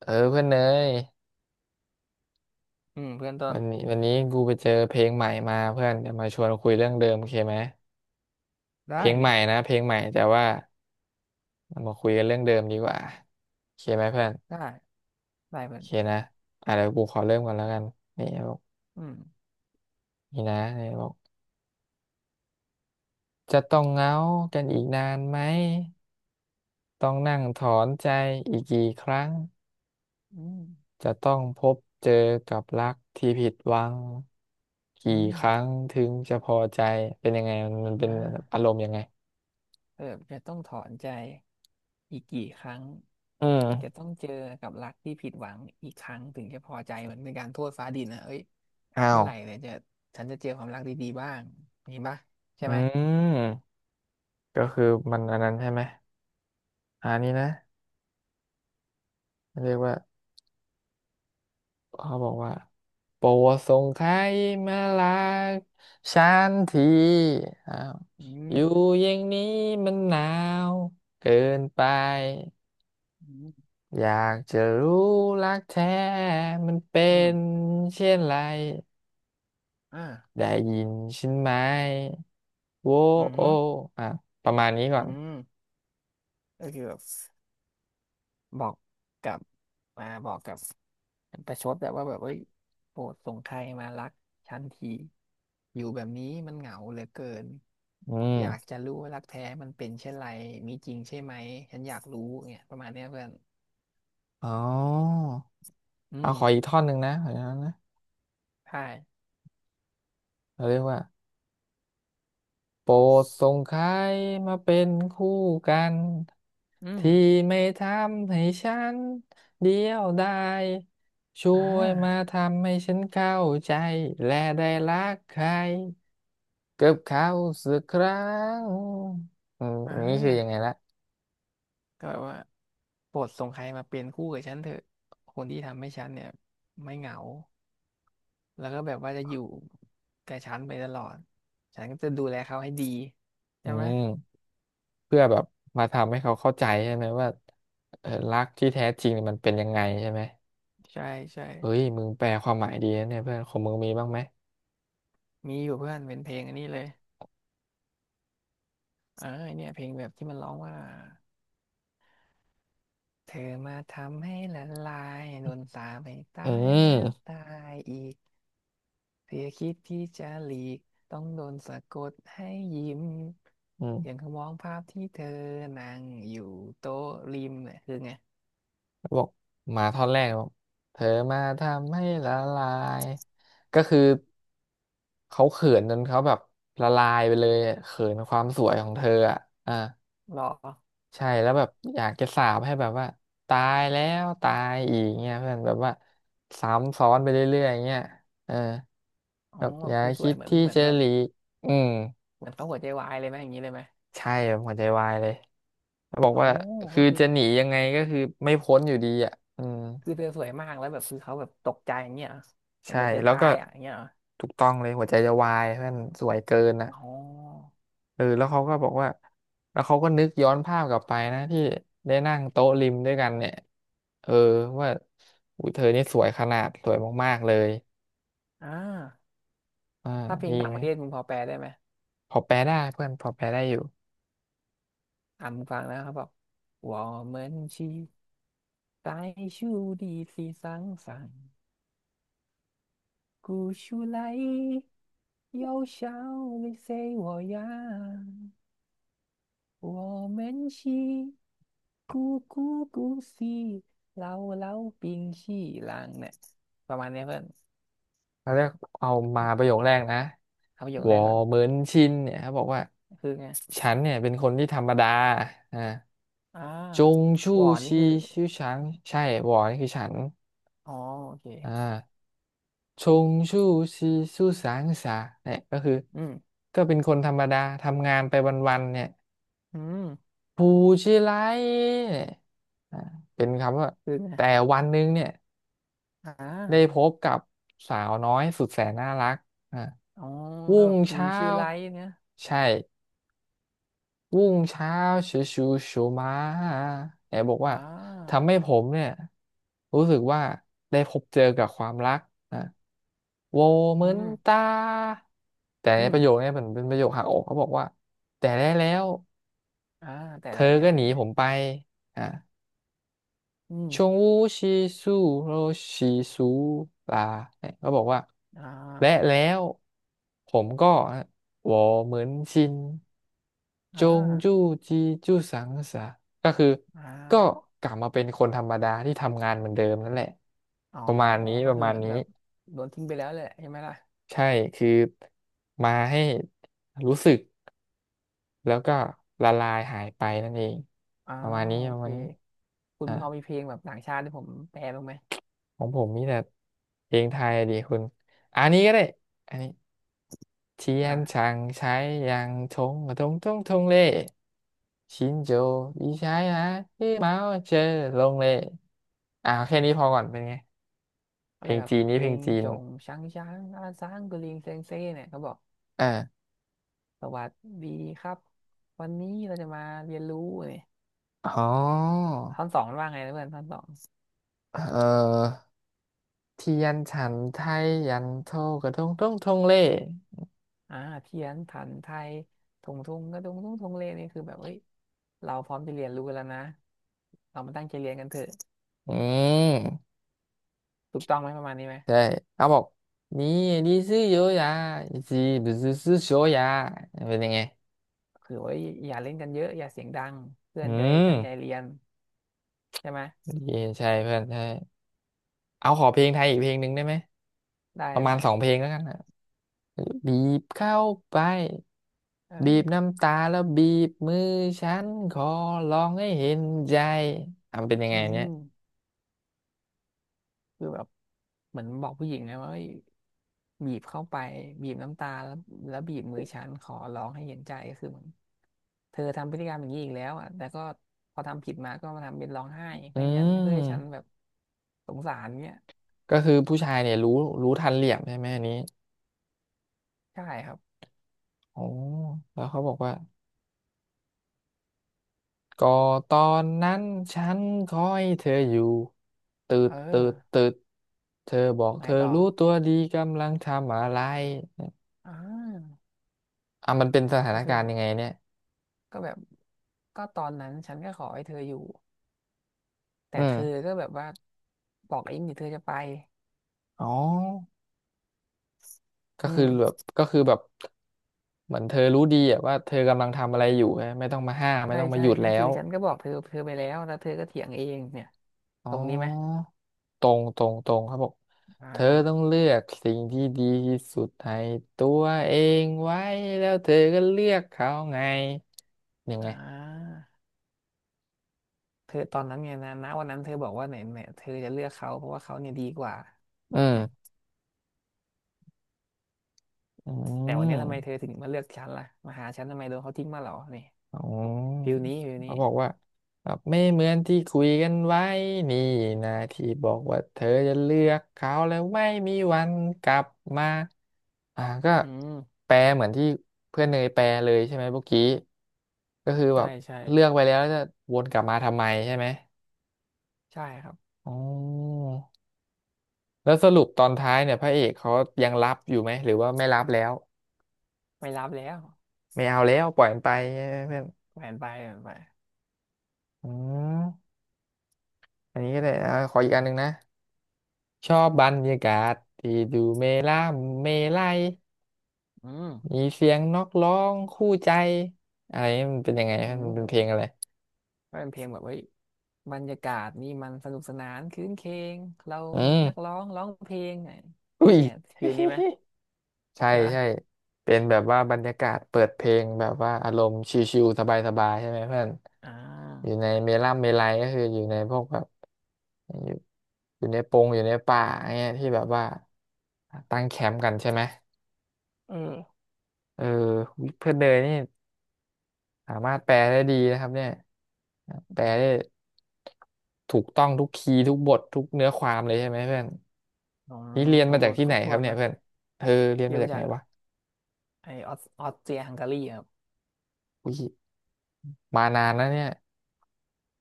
เพื่อนเนยอืมเพื่อนต้วันนนี้กูไปเจอเพลงใหม่มาเพื่อนเดี๋ยวมาชวนคุยเรื่องเดิมโอเคไหมเพได้ลงใหม่ดินะเพลงใหม่แต่ว่าเรามาคุยกันเรื่องเดิมดีกว่าโอเคไหมเพื่อนได้ได้โอเพื่อนเคนะอ่ะเดี๋ยวกูขอเริ่มก่อนแล้วกันนี่บอกอืมนี่นะนี่บอกจะต้องเหงากันอีกนานไหมต้องนั่งถอนใจอีกกี่ครั้งอืมจะต้องพบเจอกับรักที่ผิดหวังกี่อืคมรั้งถึงจะพอใจเป็นยังไงมันเป็นอ่าอารมณ์ยังไงเออจะต้องถอนใจอีกกี่ครั้งอืจะต้มองเจอกับรักที่ผิดหวังอีกครั้งถึงจะพอใจเหมือนเป็นการโทษฟ้าดินนะเอ้ยอ้าเมื่ว อไหร่เนี่ยจะฉันจะเจอความรักดีๆบ้างมีปะใช่อืไหมมก็คือมันอันนั้นใช่ไหมอันนี้นะเรียกว่าเขาบอกว่าโปรดส่งใครมาลากฉันทีอ้าวอือมยู่อย่างนี้มันหนาวเกินไปอืมอยากจะรู้รักแท้มันเป็อืมนเช่นไรอ่าได้ยินฉันไหมโว้อืมอโอหืออ่ะประมาณนี้ก่อือนมก็คือแบบ บอกกับมาบอกกับประชดแบบว่าแบบเอ้ยโปรดส่งใครมารักฉันทีอยู่แบบนี้มันเหงาเหลือเกินอือยากมจะรู้ว่ารักแท้มันเป็นเช่นไรมีจริงใช่ไหมฉันอยากรู้เนี่ยประมาณเนี้ยเพื่อนอ๋ออืเอามขออีกท่อนหนึ่งนะขออีกท่อนนะใช่เราเรียกว่า โปรดส่งใครมาเป็นคู่กันอืมที่ไม่ทำให้ฉันเดียวดายช่อ่วยมาาทำให้ฉันเข้าใจและได้รักใครกับเขาสักครั้งอืมอ่านี่คือยังไงละก็แบบว่าโปรดส่งใครมาเป็นคู่กับฉันเถอะคนที่ทำให้ฉันเนี่ยไม่เหงาแล้วก็แบบว่าจะอยู่กับฉันไปตลอดฉันก็จะดูแลเขาให้ดีอืใช่ไหม มเพื่อแบบมาทำให้เขาเข้าใจใช่ไหมว่าเออรักที่แท้จริงเนี่ยมันเป็นยังไงใช่ไหมใช่ใช่เฮ้ยมึงแปลความหมายดีนะเนี่ยเพื่อนของมึงมีบ้างไหมมีอยู่เพื่อนเป็นเพลงอันนี้เลยเออเนี่ยเพลงแบบที่มันร้องว่าเธอมาทำให้ละลายโดนสาปให้อืตายแล้วมตายอีกเธอคิดที่จะหลีกต้องโดนสะกดให้ยิ้มอือย่างม เขามองภาพที่เธอนั่งอยู่โต๊ะริมเนี่ยคือไงบอกมาท่อนแรกบอกเธอมาทำให้ละลายก็คือเขาเขินจนเขาแบบละลายไปเลยอะเขินความสวยของเธออ่ะอ่าหรอใช่แล้วแบบอยากจะสาปให้แบบว่าตายแล้วตายอีกเงี้ยเพื่อนแบบว่าซ้ำซ้อนไปเรื่อยๆอย่างเงี้ยเอออ๋อแบบอย่าคือสคิวยดเหมือนที่เหมือนจะแบบหลีกอืมเหมือนเขาหัวใจวายเลยไหมอย่างนี้เลยไหมใช่แบบหัวใจวายเลยแล้วบอกอ๋อว่าคืก็อคือจะหนียังไงก็คือไม่พ้นอยู่ดีอ่ะอืม คือเธอสวยมากแล้วแบบคือเขาแบบตกใจอย่างเงี้ยเหรอใช่เหมือนจะแล้วตาก็ยอ่ะอย่างเงี้ยเหรอ ถูกต้องเลยหัวใจจะวายเพื่อนสวยเกินอ่ะอ๋อเออแล้วเขาก็บอกว่าแล้วเขาก็นึกย้อนภาพกลับไปนะที่ได้นั่งโต๊ะริมด้วยกันเนี่ยเออว่าอุ้ยเธอนี่สวยขนาดสวยมากๆเลยอ่าอ่าถ้าเพลมีงอีต่ากงปไหมระเทศมึงพอแปลได้ไหมพอแปลได้เพื่อนพอแปลได้อยู่มึงฟังนะเขาบอกว่าเหมือนช我们是在树的地上上，古树来又笑น谁我呀？ู们是咕咕咕西เราเราปิงชี่ลางเนี่ยประมาณเนี้ยเพื่อนเร้วกเอามาประโยคแรกนะเอาประโยควแรอกก่อน เหมือนชินเนี่ยเขาบอกว่าคือไงฉันเนี่ยเป็นคนที่ธรรมดาอ่าอ่าจงหชู่วอนนี่ชีคือ ชื่อฉันใช่วอนี่คือฉัน อ๋อโอเคอ่าชงชู่ชีสู้สางสาเนี่ยก็คืออืมก็เป็นคนธรรมดาทำงานไปวันๆเนี่ยอืมผู้ชิไรเนี่ยอ่าเป็นคำว่าคือไงแต่วันหนึงเนี่ยอ่ได้พา บกับสาวน้อยสุดแสนน่ารักอ่าอ๋อวุ่ก็แบงบผูเช้าชื่อไลท์เนี่ยใช่ รุ่งเช้าชูชูชูมาไหนบอกอ่ว่าาทำให้ผมเนี่ยรู้สึกว่าได้พบเจอกับความรักนะโวเหอืมือนม ตาแต่อืในปมระโยคเนี่ยมันเป็นประโยคหักอกเขาบอกว่าแต่ได้แล้วอ่าแต่เธแล้อวแล้วก็หเป็นีนไงผมไปอ่ะ อืชงมวูชีซูโรชีซูลาเนี่ยก็บอกว่าอ่และาแล้วผมก็วอเหมือนชินจอ่างจู้จีจู้สังสะก็คืออ่ก็ากลับมาเป็นคนธรรมดาที่ทำงานเหมือนเดิมนั่นแหละอ๋อประมาณนี้ก็ประคือมาเหณมือนนี้แบบโดนทิ้งไปแล้วแหละใช่ไหมล่ะใช่คือมาให้รู้สึกแล้วก็ละลายหายไปนั่นเองอ้าประมาณนี้วโอประเคมาณนี้คุณอ่ะ พอมีเพลงแบบต่างชาติที่ผมแปลบ้างไหมของผมมีแต่เพลงไทยดีคุณอันนี้ก็ได้อันนี้เทียนอ่าช่างใช้ยางทงกระทงทงทงเล่ชินโจอีใช้นะที่เมาเจอลงเล่อ่าแค่นี้พอก่อนเป็นไงเพอะไรลงแบบจีนเพนี้ลเพลงงจีนจงช้างช้างอาซางกุลิงเซงเซ่เนี่ยเขาบอกเออสวัสดีครับวันนี้เราจะมาเรียนรู้เนี่ยอ๋อท่อนสองมันว่าไงนะเพื่อนท่อนสอง เออเทียนฉันไทยยันโทกระทงทงทงเล่อ่าเพี้ยนผันไทยทงทุงกระทุงทงทงเลนี่คือแบบเฮ้ยเราพร้อมจะเรียนรู้กันแล้วนะเรามาตั้งใจเรียนกันเถอะอืมถูกต้องไหมประมาณนี้ไหมใช่เขาบอกนี่ดีซื้อโยยาจีบซื้อโชยาเป็นยังไง คือว่าอย่าเล่นกันเยอะอย่าเสียงดังเพื่ออืนจะได้ตั้งใจมเรียนใช่ไหมดีใช่เพื่อนใช่เอาขอเพลงไทยอีกเพลงหนึ่งได้ไหมได้ประมาณได้สองเพลงแล้วกันนะบีบเข้าไปเอบีบอน้ำตาแล้วบีบมือฉันขอร้องให้เห็นใจอ่ะมันเป็นยังไงอืเนี่ยม คือแบบเหมือนบอกผู้หญิงไงว่าเอ้ยบีบเข้าไปบีบน้ำตาแล้วบีบมือฉันขอร้องให้เห็นใจก็คือเหมือนเธอทำพฤติกรรมอย่างนี้อีกแล้วอ่ะแต่ก็พอทำผิดมาก็มาทำเป็นร้องไห้อืเพื่อให้ฉันเพื่อให้ฉันแบมบสงสารเนี้ยก็คือผู้ชายเนี่ยรู้ทันเหลี่ยมใช่ไหมอันนี้ใช่ครับโอ้แล้วเขาบอกว่าก็ตอนนั้นฉันคอยเธออยู่ตืดเออตืดตืดเธอบอกไหนเธอต่อรู้ตัวดีกำลังทำอะไร อ่าอ่ะมันเป็นสถานก็คืกาอรณ์ยังไงเนี่ยก็แบบก็ตอนนั้นฉันก็ขอให้เธออยู่แต่อืเธอมก็แบบว่าบอกเองดิเธอจะไปอ๋อก็อืคือมแบบเหมือนเธอรู้ดีอะว่าเธอกำลังทำอะไรอยู่ไงไม่ต้องมาห้ามไม่ใช่ต้องมาใช่หยุดก็แล้คือวฉันก็บอกเธอเธอไปแล้วแล้วเธอก็เถียงเองเนี่ย อ๋ตรงนี้ไหม อตรงครับบอกอ่เธอต้องาเลือกสิ่งที่ดีที่สุดให้ตัวเองไว้แล้วเธอก็เลือกเขาไงยังอ่ไงาเธอตอนนั้นไงนะณวันนั้นเธอบอกว่าเนี่ยเนี่ยเธอจะเลือกเขาเพราะว่าเขาเนี่ยดีกว่าอืเนี่ยมอืแต่วันนี้ทำไมเธอม ถึงมาเลือกฉันล่ะมาหาฉันทำไมโดนเขาทิ้งมาเหรอนี่อ๋อฟิลนี้ฟิลเขานี้บอกว่าแบบไม่เหมือนที่คุยกันไว้นี่นะที่บอกว่าเธอจะเลือกเขาแล้วไม่มีวันกลับมาอ่าก็อืมแปลเหมือนที่เพื่อนเนยแปลเลยใช่ไหมเมื่อกี้ก็คือแบใช่บใช่เลือกไปแล้วแล้วจะวนกลับมาทำไมใช่ไหมใช่ครับอ๋อแล้วสรุปตอนท้ายเนี่ยพระเอกเขายังรับอยู่ไหมหรือว่าไม่รับแล้วไม่รับแล้วไม่เอาแล้วปล่อยมันไปใช่ไหมเพื่อนแหวนไปแหวนไปอืมอันนี้ก็ได้อ่าขออีกอันหนึ่งนะ ชอบบรรยากาศที่ดูเมล่ามเมไลยอืมมีเสียงนกร้องคู่ใจอะไรมันเป็นยังไงคอืรับมันมเป็นเพลงอะไรก็เป็นเพลงแบบเฮ้ยบรรยากาศนี่มันสนุกสนานครื้นเคงเราอืมีมนักร้องร้องเพลงเนี่ยอุ้ย เนี่ยฟิลนี้ไหม ใช่ใช่ปะใช่เป็นแบบว่าบรรยากาศเปิดเพลงแบบว่าอารมณ์ชิลๆสบายๆใช่ไหมเพื่อนอ่อายู่ในเมล่ามเมไลยก็คืออยู่ในพวกแบบอยู่อยู่ในปงอยู่ในป่าเงี้ยที่แบบว่าตั้งแคมป์กันใช่ไหมเออเออเพื่อนเนยนี่ สามารถแปลได้ดีนะครับเนี่ยแปลได้ถูกต้องทุกคีย์ทุกบททุกเนื้อความเลยใช่ไหมเพื่อนอืนี่มเรียนครมาบจาถ้วกนที่ครไหนบคถ้วรับนเนี่ยนะ เพื่อนเออเรียนยืมมาจามากไหนจากวะไอออสออสเตรียฮังการีครับอุ้ยมานานนะเนี่ย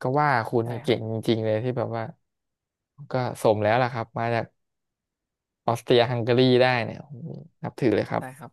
ก็ว่าคุณใช่นี่คเก่รับงจริงๆเลยที่แบบว่าก็สมแล้วล่ะครับมาจากออสเตรียฮังการีได้เนี่ยนับถือเลยครับใช่ครับ